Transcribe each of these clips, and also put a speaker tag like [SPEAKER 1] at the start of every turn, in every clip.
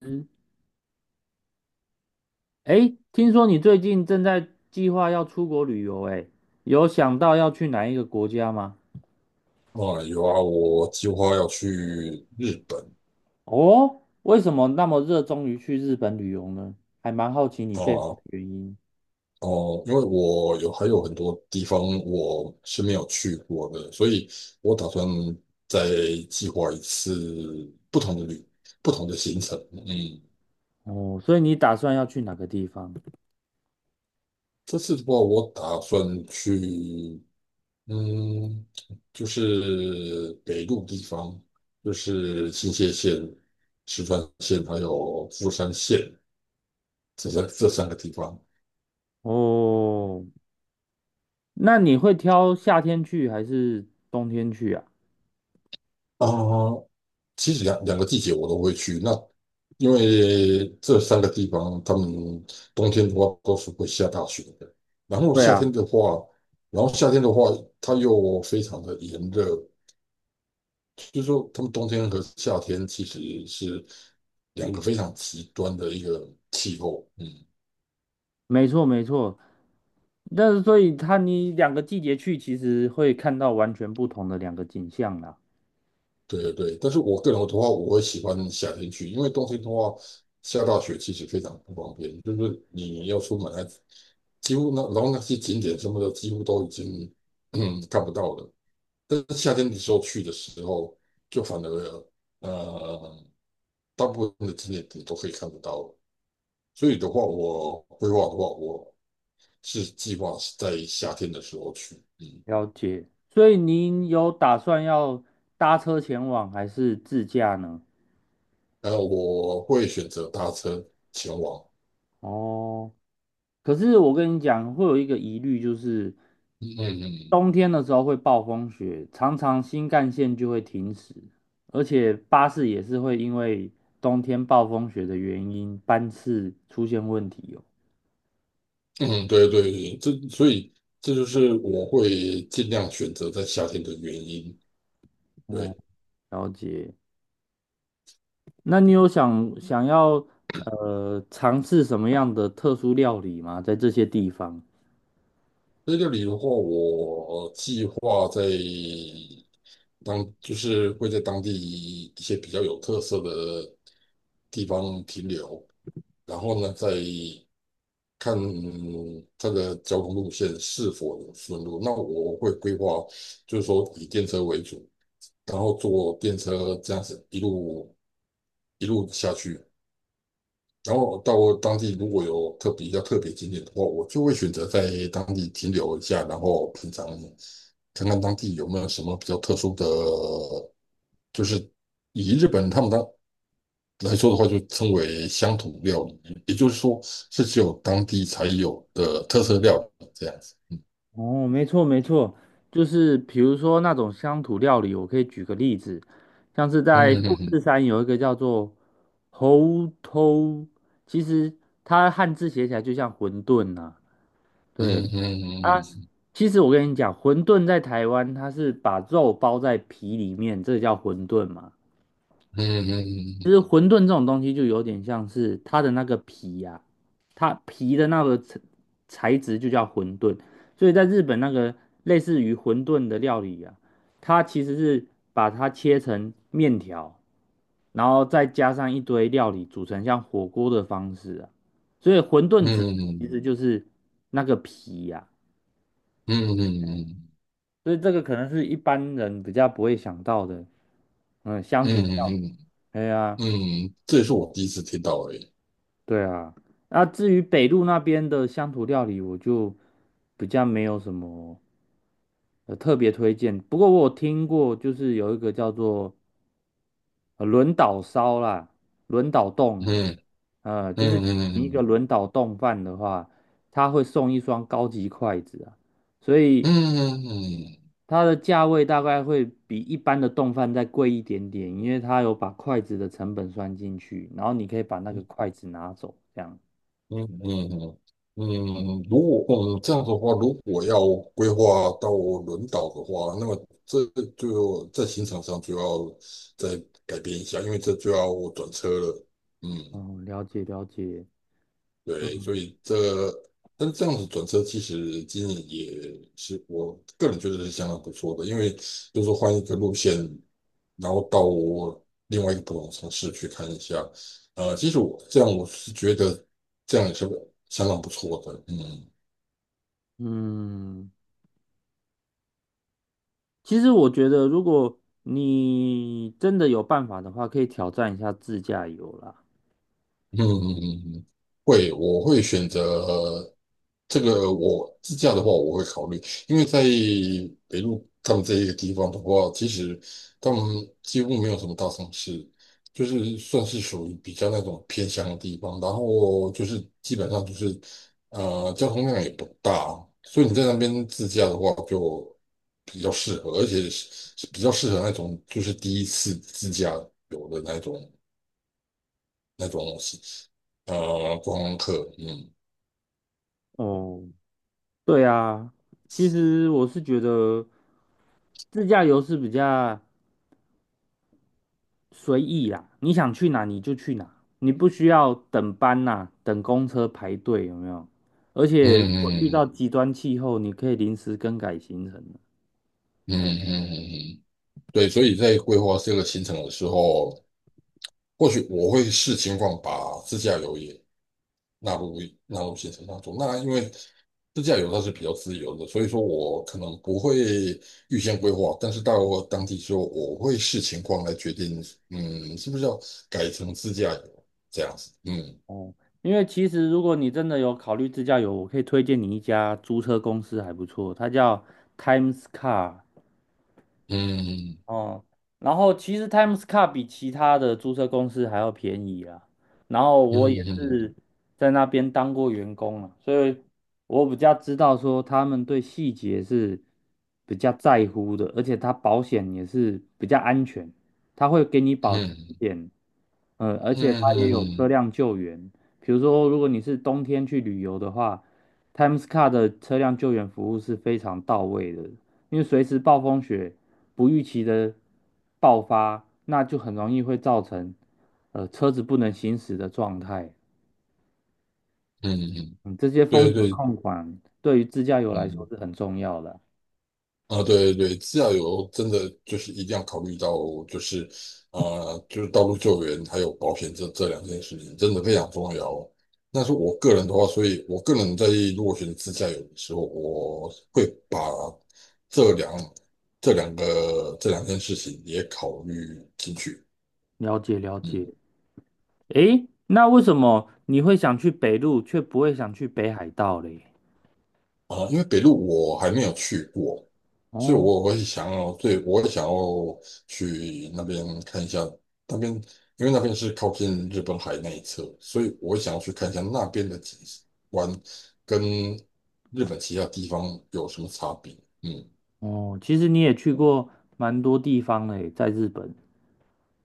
[SPEAKER 1] 嗯，哎，听说你最近正在计划要出国旅游，哎，有想到要去哪一个国家吗？
[SPEAKER 2] 啊，有啊，我计划要去日本。
[SPEAKER 1] 哦，为什么那么热衷于去日本旅游呢？还蛮好奇你背后
[SPEAKER 2] 啊，
[SPEAKER 1] 的原因。
[SPEAKER 2] 哦、因为我还有很多地方我是没有去过的，所以我打算再计划一次不同的行程。嗯，
[SPEAKER 1] 哦，所以你打算要去哪个地方？
[SPEAKER 2] 这次的话，我打算去，嗯，就是北陆地方，就是新泻县、石川县还有富山县这三个地方。
[SPEAKER 1] 哦，那你会挑夏天去还是冬天去啊？
[SPEAKER 2] 啊，其实两个季节我都会去。那因为这三个地方，他们冬天的话都是会下大雪的，然后
[SPEAKER 1] 对
[SPEAKER 2] 夏天
[SPEAKER 1] 啊。
[SPEAKER 2] 的话，然后夏天的话，它又非常的炎热，就是说他们冬天和夏天其实是两个非常极端的一个气候。嗯，
[SPEAKER 1] 没错没错，但是所以它你两个季节去，其实会看到完全不同的两个景象啦。
[SPEAKER 2] 对对对，但是我个人的话，我会喜欢夏天去，因为冬天的话下大雪其实非常不方便，就是你要出门还几乎那然后那些景点什么的几乎都已经看不到了。但是夏天的时候去的时候，就反而呃大部分的景点你都可以看得到。所以的话，我规划的话，我是计划是在夏天的时候去。嗯，
[SPEAKER 1] 了解。所以您有打算要搭车前往还是自驾呢？
[SPEAKER 2] 然后我会选择搭车前往。
[SPEAKER 1] 哦，可是我跟你讲，会有一个疑虑，就是
[SPEAKER 2] 嗯嗯嗯。
[SPEAKER 1] 冬天的时候会暴风雪，常常新干线就会停驶，而且巴士也是会因为冬天暴风雪的原因，班次出现问题哦。
[SPEAKER 2] 嗯，对对，对，所以这就是我会尽量选择在夏天的原因。
[SPEAKER 1] 哦，
[SPEAKER 2] 对，
[SPEAKER 1] 了解。那你有想想要尝试什么样的特殊料理吗？在这些地方？
[SPEAKER 2] 这里的话，我计划在就是会在当地一些比较有特色的地方停留，然后呢，再看它的交通路线是否能顺路。那我会规划，就是说以电车为主，然后坐电车这样子一路下去。然后到当地如果有特别比较特别景点的话，我就会选择在当地停留一下，然后品尝看看当地有没有什么比较特殊的，就是以日本他们来说的话，就称为乡土料理，也就是说是只有当地才有的特色料理这样子。
[SPEAKER 1] 哦，没错没错，就是比如说那种乡土料理，我可以举个例子，像是
[SPEAKER 2] 嗯
[SPEAKER 1] 在富
[SPEAKER 2] 嗯
[SPEAKER 1] 士山有一个叫做猴头，其实它汉字写起来就像馄饨呐、
[SPEAKER 2] 嗯
[SPEAKER 1] 对
[SPEAKER 2] 嗯
[SPEAKER 1] 啊，其实我跟你讲，馄饨在台湾它是把肉包在皮里面，这叫馄饨嘛。
[SPEAKER 2] 嗯
[SPEAKER 1] 其
[SPEAKER 2] 嗯
[SPEAKER 1] 实馄饨这种东西就有点像是它的那个皮呀、啊它皮的那个材质就叫馄饨，所以在日本那个类似于馄饨的料理啊，它其实是把它切成面条，然后再加上一堆料理组成像火锅的方式啊，所以馄饨子其
[SPEAKER 2] 嗯
[SPEAKER 1] 实就是那个皮呀、啊
[SPEAKER 2] 嗯
[SPEAKER 1] 所以这个可能是一般人比较不会想到的，嗯，乡
[SPEAKER 2] 嗯
[SPEAKER 1] 土料理，
[SPEAKER 2] 嗯嗯
[SPEAKER 1] 哎呀、
[SPEAKER 2] 嗯，这也是我第一次听到而已。
[SPEAKER 1] 对啊，那至于北路那边的乡土料理，我就比较没有什么特别推荐。不过我有听过，就是有一个叫做轮岛烧啦，轮岛冻啊，
[SPEAKER 2] 嗯
[SPEAKER 1] 就是
[SPEAKER 2] 嗯嗯
[SPEAKER 1] 你一个
[SPEAKER 2] 嗯。
[SPEAKER 1] 轮岛冻饭的话，它会送一双高级筷子啊，所以
[SPEAKER 2] 嗯嗯
[SPEAKER 1] 它的价位大概会比一般的冻饭再贵一点点，因为它有把筷子的成本算进去，然后你可以把那个筷子拿走，这样。
[SPEAKER 2] 嗯嗯，嗯，如果这样子的话，如果要规划到轮岛的话，那么这就在行程上就要再改变一下，因为这就要转车了。嗯，
[SPEAKER 1] 哦，了解了解。
[SPEAKER 2] 对，
[SPEAKER 1] 嗯
[SPEAKER 2] 所以这个但这样子转车其实经营也是我个人觉得是相当不错的，因为就是说换一个路线，然后到另外一个不同的城市去看一下。其实我这样我是觉得这样也是相当不错的，嗯。
[SPEAKER 1] 嗯，其实我觉得，如果你真的有办法的话，可以挑战一下自驾游啦。
[SPEAKER 2] 嗯嗯嗯，嗯嗯，会，我会选择这个。我自驾的话，我会考虑，因为在北路他们这一个地方的话，其实他们几乎没有什么大城市，就是算是属于比较那种偏乡的地方。然后就是基本上就是交通量也不大，所以你在那边自驾的话就比较适合，而且是比较适合那种就是第一次自驾游的那种。那种观光客，嗯
[SPEAKER 1] 哦，对啊，其实我是觉得自驾游是比较随意啦，你想去哪你就去哪，你不需要等班呐、等公车排队，有没有？而
[SPEAKER 2] 嗯
[SPEAKER 1] 且如果遇到
[SPEAKER 2] 嗯
[SPEAKER 1] 极端气候，你可以临时更改行程。
[SPEAKER 2] 嗯嗯嗯，嗯，对，所以在规划这个行程的时候，或许我会视情况把自驾游也纳入纳入行程当中。那因为自驾游它是比较自由的，所以说我可能不会预先规划，但是到当地之后，我会视情况来决定，嗯，是不是要改成自驾游这样子，嗯
[SPEAKER 1] 哦，因为其实如果你真的有考虑自驾游，我可以推荐你一家租车公司还不错，它叫 Times Car
[SPEAKER 2] 嗯
[SPEAKER 1] 哦。然后其实 Times Car 比其他的租车公司还要便宜啊。然后
[SPEAKER 2] 嗯
[SPEAKER 1] 我也
[SPEAKER 2] 嗯
[SPEAKER 1] 是在那边当过员工啊，所以我比较知道说他们对细节是比较在乎的，而且它保险也是比较安全，它会给你保全一
[SPEAKER 2] 嗯
[SPEAKER 1] 点而
[SPEAKER 2] 嗯
[SPEAKER 1] 且它
[SPEAKER 2] 嗯嗯
[SPEAKER 1] 也
[SPEAKER 2] 嗯
[SPEAKER 1] 有车
[SPEAKER 2] 嗯。
[SPEAKER 1] 辆救援，比如说如果你是冬天去旅游的话，Times Car 的车辆救援服务是非常到位的，因为随时暴风雪不预期的爆发，那就很容易会造成车子不能行驶的状态。
[SPEAKER 2] 嗯嗯，
[SPEAKER 1] 嗯，这些风
[SPEAKER 2] 对
[SPEAKER 1] 险
[SPEAKER 2] 对，
[SPEAKER 1] 控管对于自驾游来说
[SPEAKER 2] 嗯，
[SPEAKER 1] 是很重要的。
[SPEAKER 2] 啊，对对对，自驾游真的就是一定要考虑到，就是就是道路救援还有保险这两件事情，真的非常重要哦。那是我个人的话，所以我个人在如果选自驾游的时候，我会把这两这两件事情也考虑进去。
[SPEAKER 1] 了解了解。
[SPEAKER 2] 嗯。
[SPEAKER 1] 诶，那为什么你会想去北路，却不会想去北海道嘞？
[SPEAKER 2] 啊，因为北路我还没有去过，所以
[SPEAKER 1] 哦。
[SPEAKER 2] 我会想要，对，我会想要去那边看一下。那边因为那边是靠近日本海那一侧，所以我会想要去看一下那边的景观跟日本其他地方有什么差别。嗯，
[SPEAKER 1] 哦，其实你也去过蛮多地方嘞，在日本。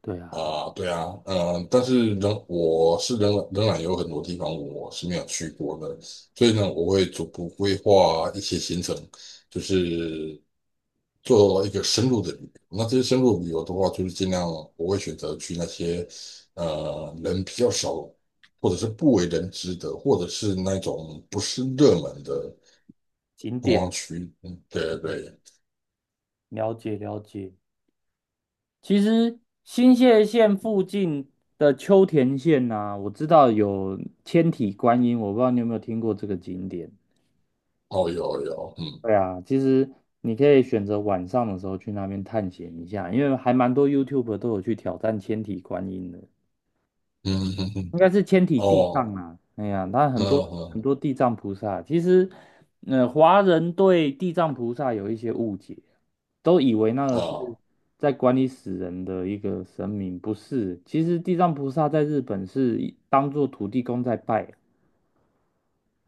[SPEAKER 1] 对啊，
[SPEAKER 2] 啊，对啊，嗯，但是仍我是仍仍然有很多地方我是没有去过的，所以呢，我会逐步规划一些行程，就是做一个深入的旅游。那这些深入旅游的话，就是尽量我会选择去那些人比较少，或者是不为人知的，或者是那种不是热门的
[SPEAKER 1] 景
[SPEAKER 2] 观光
[SPEAKER 1] 点，
[SPEAKER 2] 区。嗯，对对对，
[SPEAKER 1] 了解了解。其实新泻县附近的秋田县呐、我知道有千体观音，我不知道你有没有听过这个景点。
[SPEAKER 2] 哦，有有，嗯
[SPEAKER 1] 对啊，其实你可以选择晚上的时候去那边探险一下，因为还蛮多 YouTube 都有去挑战千体观音的。
[SPEAKER 2] 嗯嗯嗯，
[SPEAKER 1] 应该是千体地
[SPEAKER 2] 哦，
[SPEAKER 1] 藏啊，哎呀，他
[SPEAKER 2] 嗯
[SPEAKER 1] 很多很
[SPEAKER 2] 嗯，
[SPEAKER 1] 多地藏菩萨，其实，华人对地藏菩萨有一些误解，都以为那个是
[SPEAKER 2] 啊，
[SPEAKER 1] 在管理死人的一个神明，不是，其实地藏菩萨在日本是一当做土地公在拜。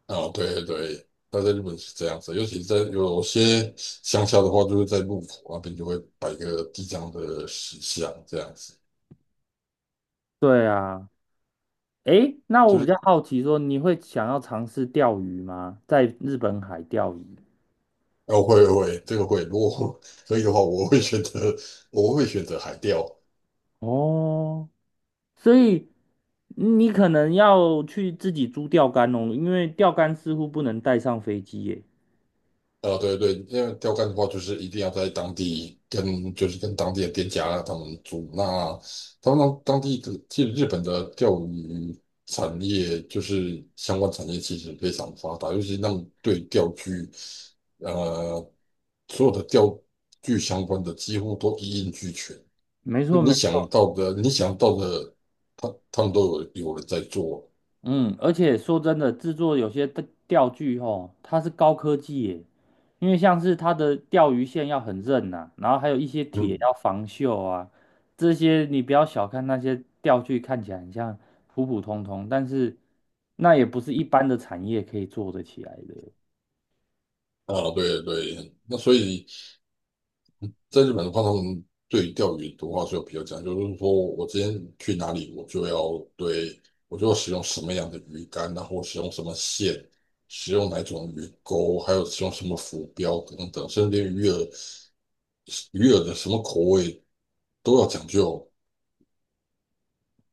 [SPEAKER 2] 啊，对对对。那在日本是这样子，尤其在有些乡下的话，就是在路口那边就会摆一个地藏的石像，这样子。
[SPEAKER 1] 对啊，诶，那我
[SPEAKER 2] 就
[SPEAKER 1] 比较
[SPEAKER 2] 是。
[SPEAKER 1] 好奇说，你会想要尝试钓鱼吗？在日本海钓鱼？
[SPEAKER 2] 哦，会会，这个会。如果 可以的话，我会选择，我会选择海钓。
[SPEAKER 1] 哦，所以你可能要去自己租钓竿哦，因为钓竿似乎不能带上飞机耶。
[SPEAKER 2] 对对，因为钓竿的话，就是一定要在当地跟，就是跟当地的店家他们租。那他们当地的，其实日本的钓鱼产业就是相关产业其实非常发达，尤其那种对钓具，呃，所有的钓具相关的几乎都一应俱全。
[SPEAKER 1] 没
[SPEAKER 2] 就
[SPEAKER 1] 错，
[SPEAKER 2] 你
[SPEAKER 1] 没
[SPEAKER 2] 想
[SPEAKER 1] 错。
[SPEAKER 2] 到的，你想到的，他们都有人在做。
[SPEAKER 1] 嗯，而且说真的，制作有些的钓具吼，它是高科技耶，因为像是它的钓鱼线要很韧呐、然后还有一些铁
[SPEAKER 2] 嗯，
[SPEAKER 1] 要防锈啊，这些你不要小看那些钓具，看起来很像普普通通，但是那也不是一般的产业可以做得起来的。
[SPEAKER 2] 啊，对对，那所以在日本的话，他们对于钓鱼的话是有比较讲究，就是说我今天去哪里，我就要使用什么样的鱼竿，然后使用什么线，使用哪种鱼钩，还有使用什么浮标等等，甚至鱼饵的什么口味都要讲究。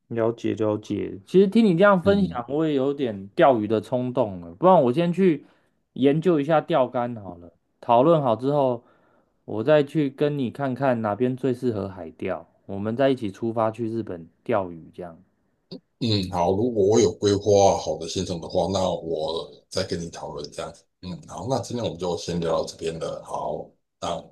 [SPEAKER 1] 了解了解，其实听你这样分
[SPEAKER 2] 嗯
[SPEAKER 1] 享，我也有点钓鱼的冲动了。不然我先去研究一下钓竿好了。讨论好之后，我再去跟你看看哪边最适合海钓，我们再一起出发去日本钓鱼这样。
[SPEAKER 2] 嗯，好，如果我有规划好的行程的话，那我再跟你讨论这样子。嗯，好，那今天我们就先聊到这边了，好，那。